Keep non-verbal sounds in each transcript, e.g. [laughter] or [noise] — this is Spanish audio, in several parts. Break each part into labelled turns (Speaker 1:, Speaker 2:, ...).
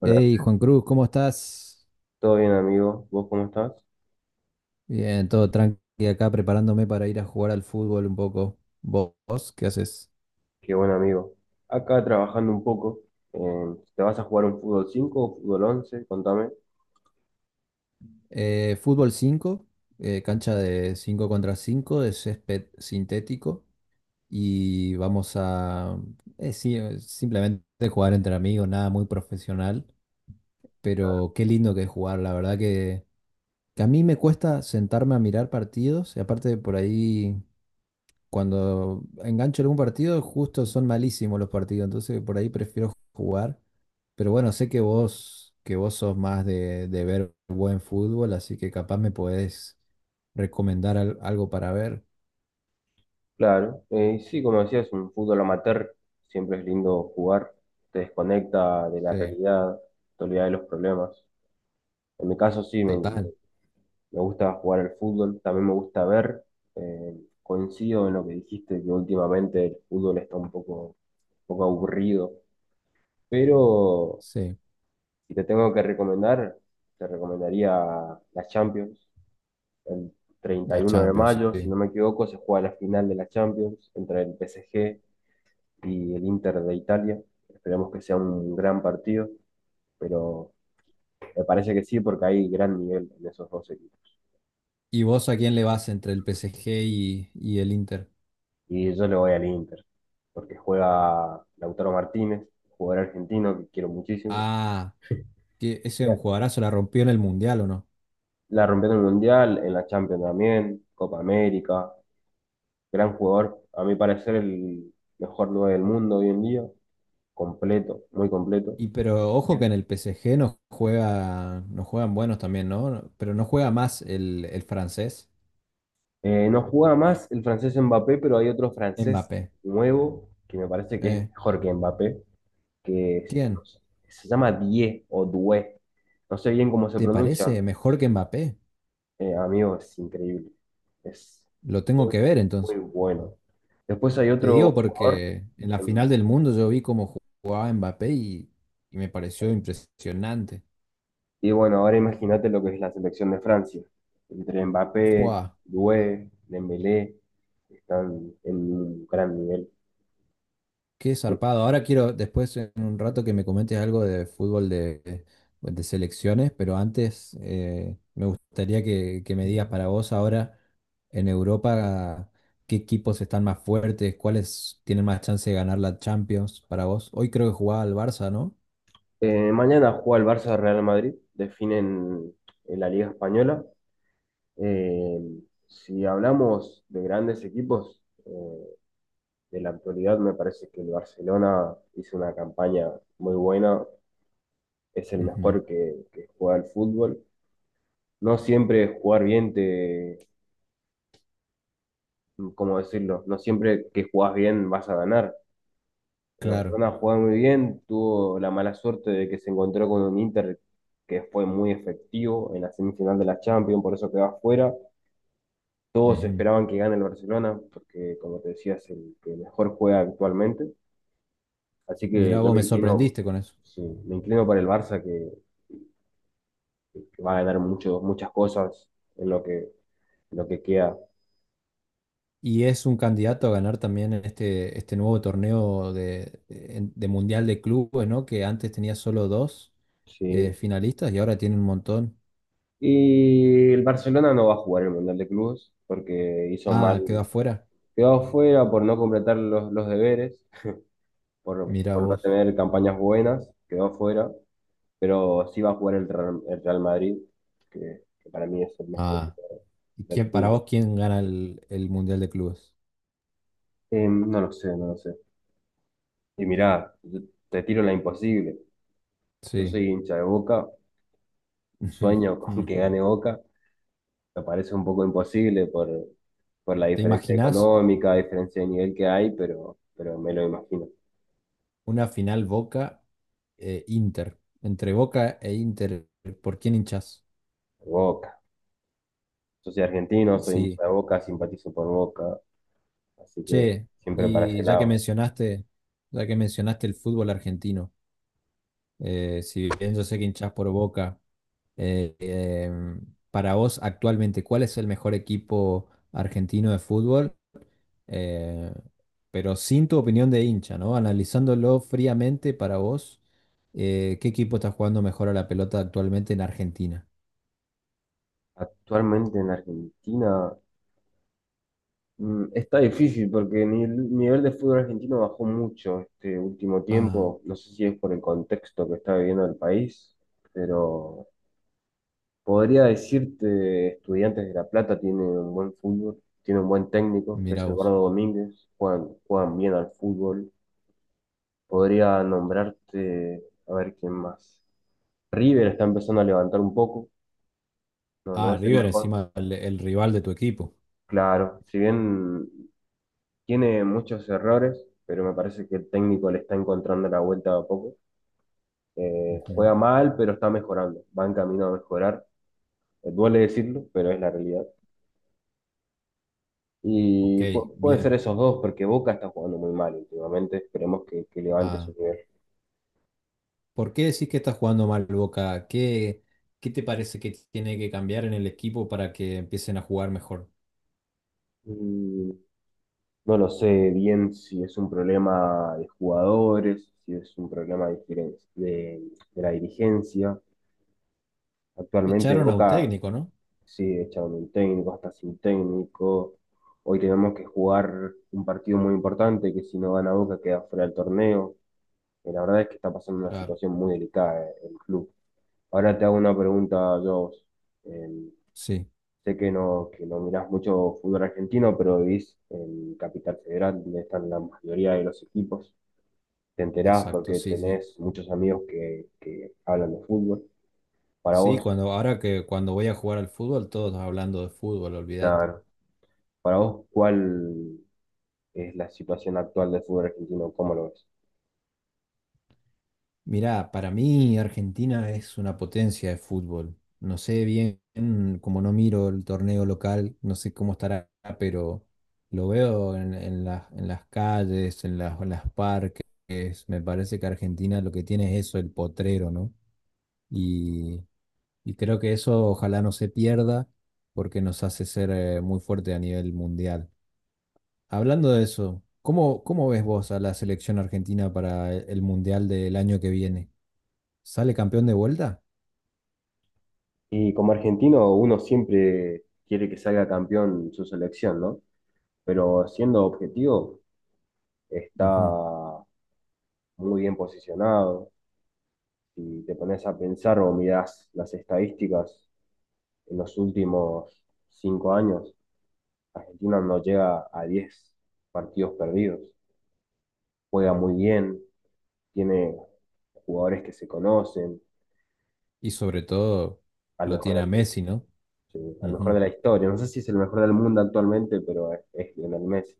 Speaker 1: Hola,
Speaker 2: Hey, Juan Cruz, ¿cómo estás?
Speaker 1: ¿todo bien amigo? ¿Vos cómo estás?
Speaker 2: Bien, todo tranqui acá preparándome para ir a jugar al fútbol un poco. ¿Vos ¿qué haces?
Speaker 1: Qué buen amigo. Acá trabajando un poco. ¿Te vas a jugar un fútbol 5 o fútbol once? Contame.
Speaker 2: Fútbol 5, cancha de 5 contra 5 de césped sintético. Y vamos a, sí, simplemente jugar entre amigos, nada muy profesional. Pero qué lindo que es jugar, la verdad que a mí me cuesta sentarme a mirar partidos. Y aparte por ahí, cuando engancho algún partido, justo son malísimos los partidos, entonces por ahí prefiero jugar. Pero bueno, sé que vos sos más de ver buen fútbol, así que capaz me podés recomendar algo para ver.
Speaker 1: Claro. Sí, como decías, un fútbol amateur siempre es lindo jugar. Te desconecta de la
Speaker 2: Sí,
Speaker 1: realidad, te olvida de los problemas. En mi caso sí, me,
Speaker 2: total.
Speaker 1: me gusta jugar al fútbol, también me gusta ver. Coincido en lo que dijiste, que últimamente el fútbol está un poco aburrido. Pero
Speaker 2: Sí,
Speaker 1: si te tengo que recomendar, te recomendaría la Champions. El
Speaker 2: la
Speaker 1: 31 de
Speaker 2: Champions,
Speaker 1: mayo, si
Speaker 2: sí.
Speaker 1: no me equivoco, se juega la final de la Champions entre el PSG y el Inter de Italia. Esperemos que sea un gran partido, pero me parece que sí, porque hay gran nivel en esos dos equipos.
Speaker 2: ¿Y vos a quién le vas entre el PSG y el Inter?
Speaker 1: Y yo le voy al Inter, porque juega Lautaro Martínez, jugador argentino que quiero muchísimo.
Speaker 2: Ah, que
Speaker 1: Y
Speaker 2: ese es un jugadorazo, la rompió en el Mundial, ¿o no?
Speaker 1: la rompió en el Mundial, en la Champions también, Copa América. Gran jugador, a mi parecer el mejor 9 del mundo hoy en día, completo, muy completo.
Speaker 2: Y pero ojo que en
Speaker 1: Bien.
Speaker 2: el PSG nos juegan buenos también, ¿no? No, pero no juega más el francés,
Speaker 1: No juega más el francés Mbappé, pero hay otro francés
Speaker 2: Mbappé.
Speaker 1: nuevo que me parece que es
Speaker 2: Eh,
Speaker 1: mejor que Mbappé, no
Speaker 2: ¿Quién?
Speaker 1: sé, se llama Die o Due. No sé bien cómo se
Speaker 2: ¿Te
Speaker 1: pronuncia.
Speaker 2: parece mejor que Mbappé?
Speaker 1: Amigo, es increíble. Es
Speaker 2: Lo tengo
Speaker 1: muy,
Speaker 2: que ver
Speaker 1: muy
Speaker 2: entonces.
Speaker 1: bueno. Después hay
Speaker 2: Te digo
Speaker 1: otro jugador
Speaker 2: porque en la
Speaker 1: en,
Speaker 2: final del mundo yo vi cómo jugaba Mbappé y me pareció impresionante.
Speaker 1: Y bueno, ahora imagínate lo que es la selección de Francia. Entre Mbappé,
Speaker 2: Fua.
Speaker 1: Doué, Dembélé, están en un gran nivel.
Speaker 2: Qué
Speaker 1: Sí.
Speaker 2: zarpado. Ahora quiero, después en un rato, que me comentes algo de fútbol de selecciones, pero antes me gustaría que me digas para vos ahora en Europa qué equipos están más fuertes, cuáles tienen más chance de ganar la Champions para vos. Hoy creo que jugaba al Barça, ¿no?
Speaker 1: Mañana juega el Barça Real Madrid, definen en la Liga Española. Eh, si hablamos de grandes equipos, eh, de la actualidad me parece que el Barcelona hizo una campaña muy buena, es el
Speaker 2: Ujú,
Speaker 1: mejor que juega al fútbol. No siempre jugar bien te ¿Cómo decirlo? No siempre que jugás bien vas a ganar. El
Speaker 2: claro.
Speaker 1: Barcelona jugó muy bien, tuvo la mala suerte de que se encontró con un Inter que fue muy efectivo en la semifinal de la Champions, por eso quedó afuera. Todos
Speaker 2: Ujú.
Speaker 1: esperaban que gane el Barcelona, porque como te decía, es el que mejor juega actualmente. Así que
Speaker 2: Mirá,
Speaker 1: yo
Speaker 2: vos
Speaker 1: me
Speaker 2: me
Speaker 1: inclino,
Speaker 2: sorprendiste con eso.
Speaker 1: sí, me inclino para el Barça, que va a ganar mucho, muchas cosas en lo que queda.
Speaker 2: Y es un candidato a ganar también en este nuevo torneo de Mundial de Clubes, ¿no? Que antes tenía solo dos,
Speaker 1: Sí.
Speaker 2: finalistas y ahora tiene un montón.
Speaker 1: Y el Barcelona no va a jugar el Mundial de Clubes porque hizo mal,
Speaker 2: Ah, quedó afuera.
Speaker 1: quedó afuera por no completar los deberes,
Speaker 2: Mira
Speaker 1: por no
Speaker 2: vos.
Speaker 1: tener campañas buenas, quedó afuera, pero sí va a jugar el Real Madrid, que para mí es el mejor
Speaker 2: Ah,
Speaker 1: equipo
Speaker 2: ¿y
Speaker 1: del
Speaker 2: quién, para
Speaker 1: fútbol.
Speaker 2: vos, quién gana el Mundial de Clubes?
Speaker 1: No lo sé, no lo sé. Y mirá, yo te tiro la imposible. Yo
Speaker 2: Sí.
Speaker 1: soy hincha de Boca,
Speaker 2: [laughs]
Speaker 1: sueño [laughs]
Speaker 2: Ujú,
Speaker 1: con que
Speaker 2: ujú.
Speaker 1: gane Boca, me parece un poco imposible por la
Speaker 2: ¿Te
Speaker 1: diferencia
Speaker 2: imaginás
Speaker 1: económica, diferencia de nivel que hay, pero me lo imagino.
Speaker 2: una final Boca-Inter? Entre Boca e Inter, ¿por quién hinchás?
Speaker 1: Boca. Yo soy argentino, soy hincha
Speaker 2: Sí.
Speaker 1: de Boca, simpatizo por Boca, así que
Speaker 2: Che,
Speaker 1: siempre para ese
Speaker 2: y ya que
Speaker 1: lado.
Speaker 2: mencionaste, ya que mencionaste el fútbol argentino, si bien yo sé que hinchás por Boca, Eh, em, para vos, actualmente, ¿cuál es el mejor equipo argentino de fútbol? Eh, pero sin tu opinión de hincha, ¿no? Analizándolo fríamente para vos, ¿qué equipo está jugando mejor a la pelota actualmente en Argentina?
Speaker 1: Actualmente en Argentina está difícil porque ni el nivel de fútbol argentino bajó mucho este último
Speaker 2: Ah,
Speaker 1: tiempo. No sé si es por el contexto que está viviendo el país, pero podría decirte, Estudiantes de La Plata tiene un buen fútbol, tiene un buen técnico, que es
Speaker 2: mira vos.
Speaker 1: Eduardo Domínguez, juegan bien al fútbol. Podría nombrarte, a ver quién más. River está empezando a levantar un poco, no
Speaker 2: Ah,
Speaker 1: es el
Speaker 2: River
Speaker 1: mejor.
Speaker 2: encima, el rival de tu equipo.
Speaker 1: Claro, si bien tiene muchos errores, pero me parece que el técnico le está encontrando la vuelta a poco.
Speaker 2: Ujú.
Speaker 1: Juega mal, pero está mejorando, va en camino a mejorar. Duele decirlo, pero es la realidad.
Speaker 2: Ok,
Speaker 1: Y puede ser
Speaker 2: bien.
Speaker 1: esos dos, porque Boca está jugando muy mal últimamente. Esperemos que levante su
Speaker 2: Ah,
Speaker 1: nivel.
Speaker 2: ¿por qué decís que está jugando mal Boca? ¿Qué te parece que tiene que cambiar en el equipo para que empiecen a jugar mejor?
Speaker 1: Mm, No lo sé bien si es un problema de jugadores, si es un problema de, de la dirigencia. Actualmente
Speaker 2: Echaron a un
Speaker 1: Boca
Speaker 2: técnico, ¿no?
Speaker 1: sigue echaron un técnico, hasta sin técnico. Hoy tenemos que jugar un partido muy importante que si no gana Boca queda fuera del torneo. Y la verdad es que está pasando una
Speaker 2: Claro,
Speaker 1: situación muy delicada el club. Ahora te hago una pregunta, yo
Speaker 2: sí,
Speaker 1: sé que no mirás mucho fútbol argentino, pero vivís en Capital Federal, donde están la mayoría de los equipos. Te enterás
Speaker 2: exacto,
Speaker 1: porque
Speaker 2: sí, sí.
Speaker 1: tenés muchos amigos que hablan de fútbol. Para
Speaker 2: Sí,
Speaker 1: vos,
Speaker 2: cuando, ahora que cuando voy a jugar al fútbol, todos hablando de fútbol, olvidad.
Speaker 1: claro, para vos, ¿cuál es la situación actual del fútbol argentino? ¿Cómo lo ves?
Speaker 2: Mirá, para mí Argentina es una potencia de fútbol. No sé bien, como no miro el torneo local, no sé cómo estará, pero lo veo en las calles, en las parques. Me parece que Argentina lo que tiene es eso, el potrero, ¿no? y, y creo que eso ojalá no se pierda porque nos hace ser muy fuerte a nivel mundial. Hablando de eso, ¿cómo ves vos a la selección argentina para el mundial del año que viene? ¿Sale campeón de vuelta?
Speaker 1: Y como argentino, uno siempre quiere que salga campeón su selección, ¿no? Pero siendo objetivo, está
Speaker 2: Ujú.
Speaker 1: muy bien posicionado. Si te pones a pensar o mirás las estadísticas, en los últimos 5 años, Argentina no llega a 10 partidos perdidos. Juega muy bien, tiene jugadores que se conocen,
Speaker 2: Y sobre todo
Speaker 1: al
Speaker 2: lo
Speaker 1: mejor
Speaker 2: tiene
Speaker 1: del
Speaker 2: a
Speaker 1: mundo,
Speaker 2: Messi, ¿no?
Speaker 1: sí, al mejor
Speaker 2: Ujú.
Speaker 1: de la historia. No sé si es el mejor del mundo actualmente, pero es Lionel Messi.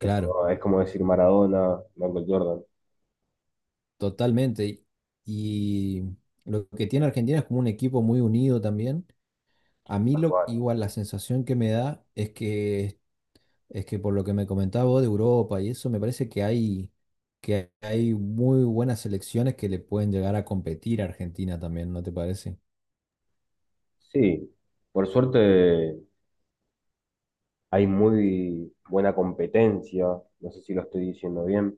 Speaker 1: Es como decir Maradona, Michael Jordan,
Speaker 2: totalmente. Y lo que tiene Argentina es como un equipo muy unido también. A mí
Speaker 1: tal
Speaker 2: lo,
Speaker 1: cual.
Speaker 2: igual la sensación que me da es que es que por lo que me comentaba vos de Europa y eso, me parece que hay muy buenas selecciones que le pueden llegar a competir a Argentina también, ¿no te parece?
Speaker 1: Sí, por suerte hay muy buena competencia, no sé si lo estoy diciendo bien,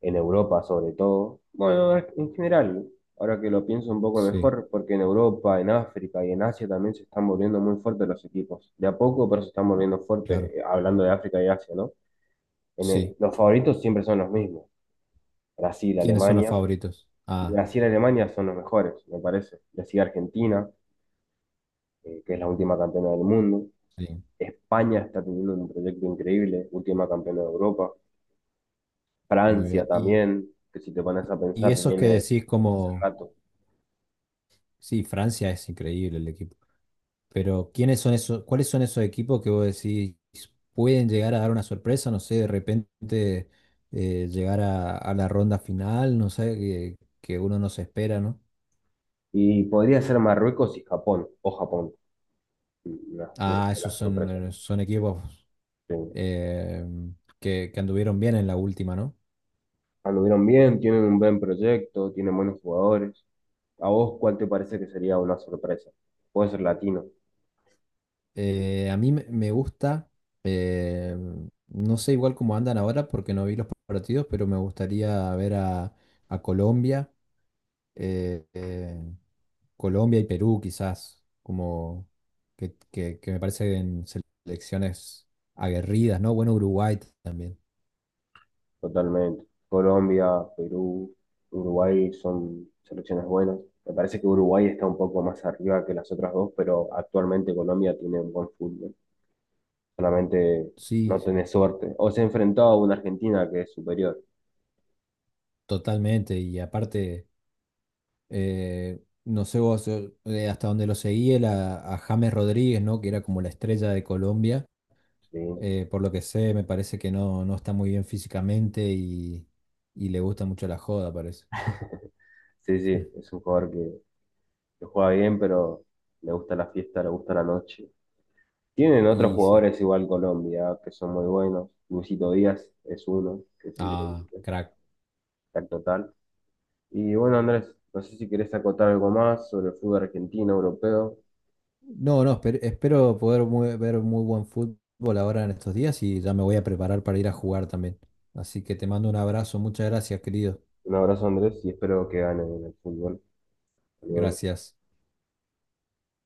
Speaker 1: en Europa sobre todo. Bueno, en general, ahora que lo pienso un poco
Speaker 2: Sí,
Speaker 1: mejor, porque en Europa, en África y en Asia también se están volviendo muy fuertes los equipos. De a poco, pero se están volviendo fuertes,
Speaker 2: claro,
Speaker 1: hablando de África y Asia, ¿no?
Speaker 2: sí.
Speaker 1: Los favoritos siempre son los mismos, Brasil,
Speaker 2: ¿Quiénes son los
Speaker 1: Alemania.
Speaker 2: favoritos?
Speaker 1: Y
Speaker 2: Ah,
Speaker 1: Brasil y Alemania son los mejores, me parece. Le sigue Argentina, que es la última campeona del mundo.
Speaker 2: sí,
Speaker 1: España está teniendo un proyecto increíble, última campeona de Europa.
Speaker 2: muy
Speaker 1: Francia
Speaker 2: bien.
Speaker 1: también, que si te pones a
Speaker 2: Y
Speaker 1: pensar,
Speaker 2: esos que
Speaker 1: viene
Speaker 2: decís
Speaker 1: hace
Speaker 2: como,
Speaker 1: rato.
Speaker 2: sí, Francia es increíble el equipo, pero ¿quiénes son esos, cuáles son esos equipos que vos decís pueden llegar a dar una sorpresa? No sé, de repente llegar a la ronda final, no sé, que uno no se espera, ¿no?
Speaker 1: Y podría ser Marruecos y Japón, o Japón, una
Speaker 2: Ah,
Speaker 1: de
Speaker 2: esos
Speaker 1: las
Speaker 2: son,
Speaker 1: sorpresas.
Speaker 2: son equipos
Speaker 1: Sí.
Speaker 2: eh, que anduvieron bien en la última, ¿no?
Speaker 1: Anduvieron bien, tienen un buen proyecto, tienen buenos jugadores. ¿A vos cuál te parece que sería una sorpresa? Puede ser latino,
Speaker 2: A mí me gusta, eh, no sé igual cómo andan ahora porque no vi los partidos, pero me gustaría ver a Colombia, eh, eh, Colombia y Perú quizás, que me parecen selecciones aguerridas, ¿no? Bueno, Uruguay también,
Speaker 1: totalmente. Colombia, Perú, Uruguay son selecciones buenas. Me parece que Uruguay está un poco más arriba que las otras dos, pero actualmente Colombia tiene un buen fútbol. Solamente
Speaker 2: sí,
Speaker 1: no
Speaker 2: sí,
Speaker 1: tenés suerte. O se ha enfrentado a una Argentina que es superior.
Speaker 2: totalmente, y aparte... no sé vos hasta dónde lo seguí, a James Rodríguez, ¿no? Que era como la estrella de Colombia.
Speaker 1: Sí,
Speaker 2: Por lo que sé, me parece que no, no está muy bien físicamente y le gusta mucho la joda, parece.
Speaker 1: sí, sí,
Speaker 2: [laughs]
Speaker 1: es un jugador que juega bien, pero le gusta la fiesta, le gusta la noche. Tienen otros
Speaker 2: Y sí.
Speaker 1: jugadores igual Colombia, que son muy buenos. Luisito Díaz es uno, que es
Speaker 2: Ah,
Speaker 1: increíble,
Speaker 2: crack.
Speaker 1: tal total. Y bueno, Andrés, no sé si querés acotar algo más sobre el fútbol argentino, europeo.
Speaker 2: No, espero poder ver muy buen fútbol ahora en estos días y ya me voy a preparar para ir a jugar también. Así que te mando un abrazo. Muchas gracias, querido.
Speaker 1: Un abrazo, Andrés, y espero que gane el fútbol. Hasta luego.
Speaker 2: Gracias.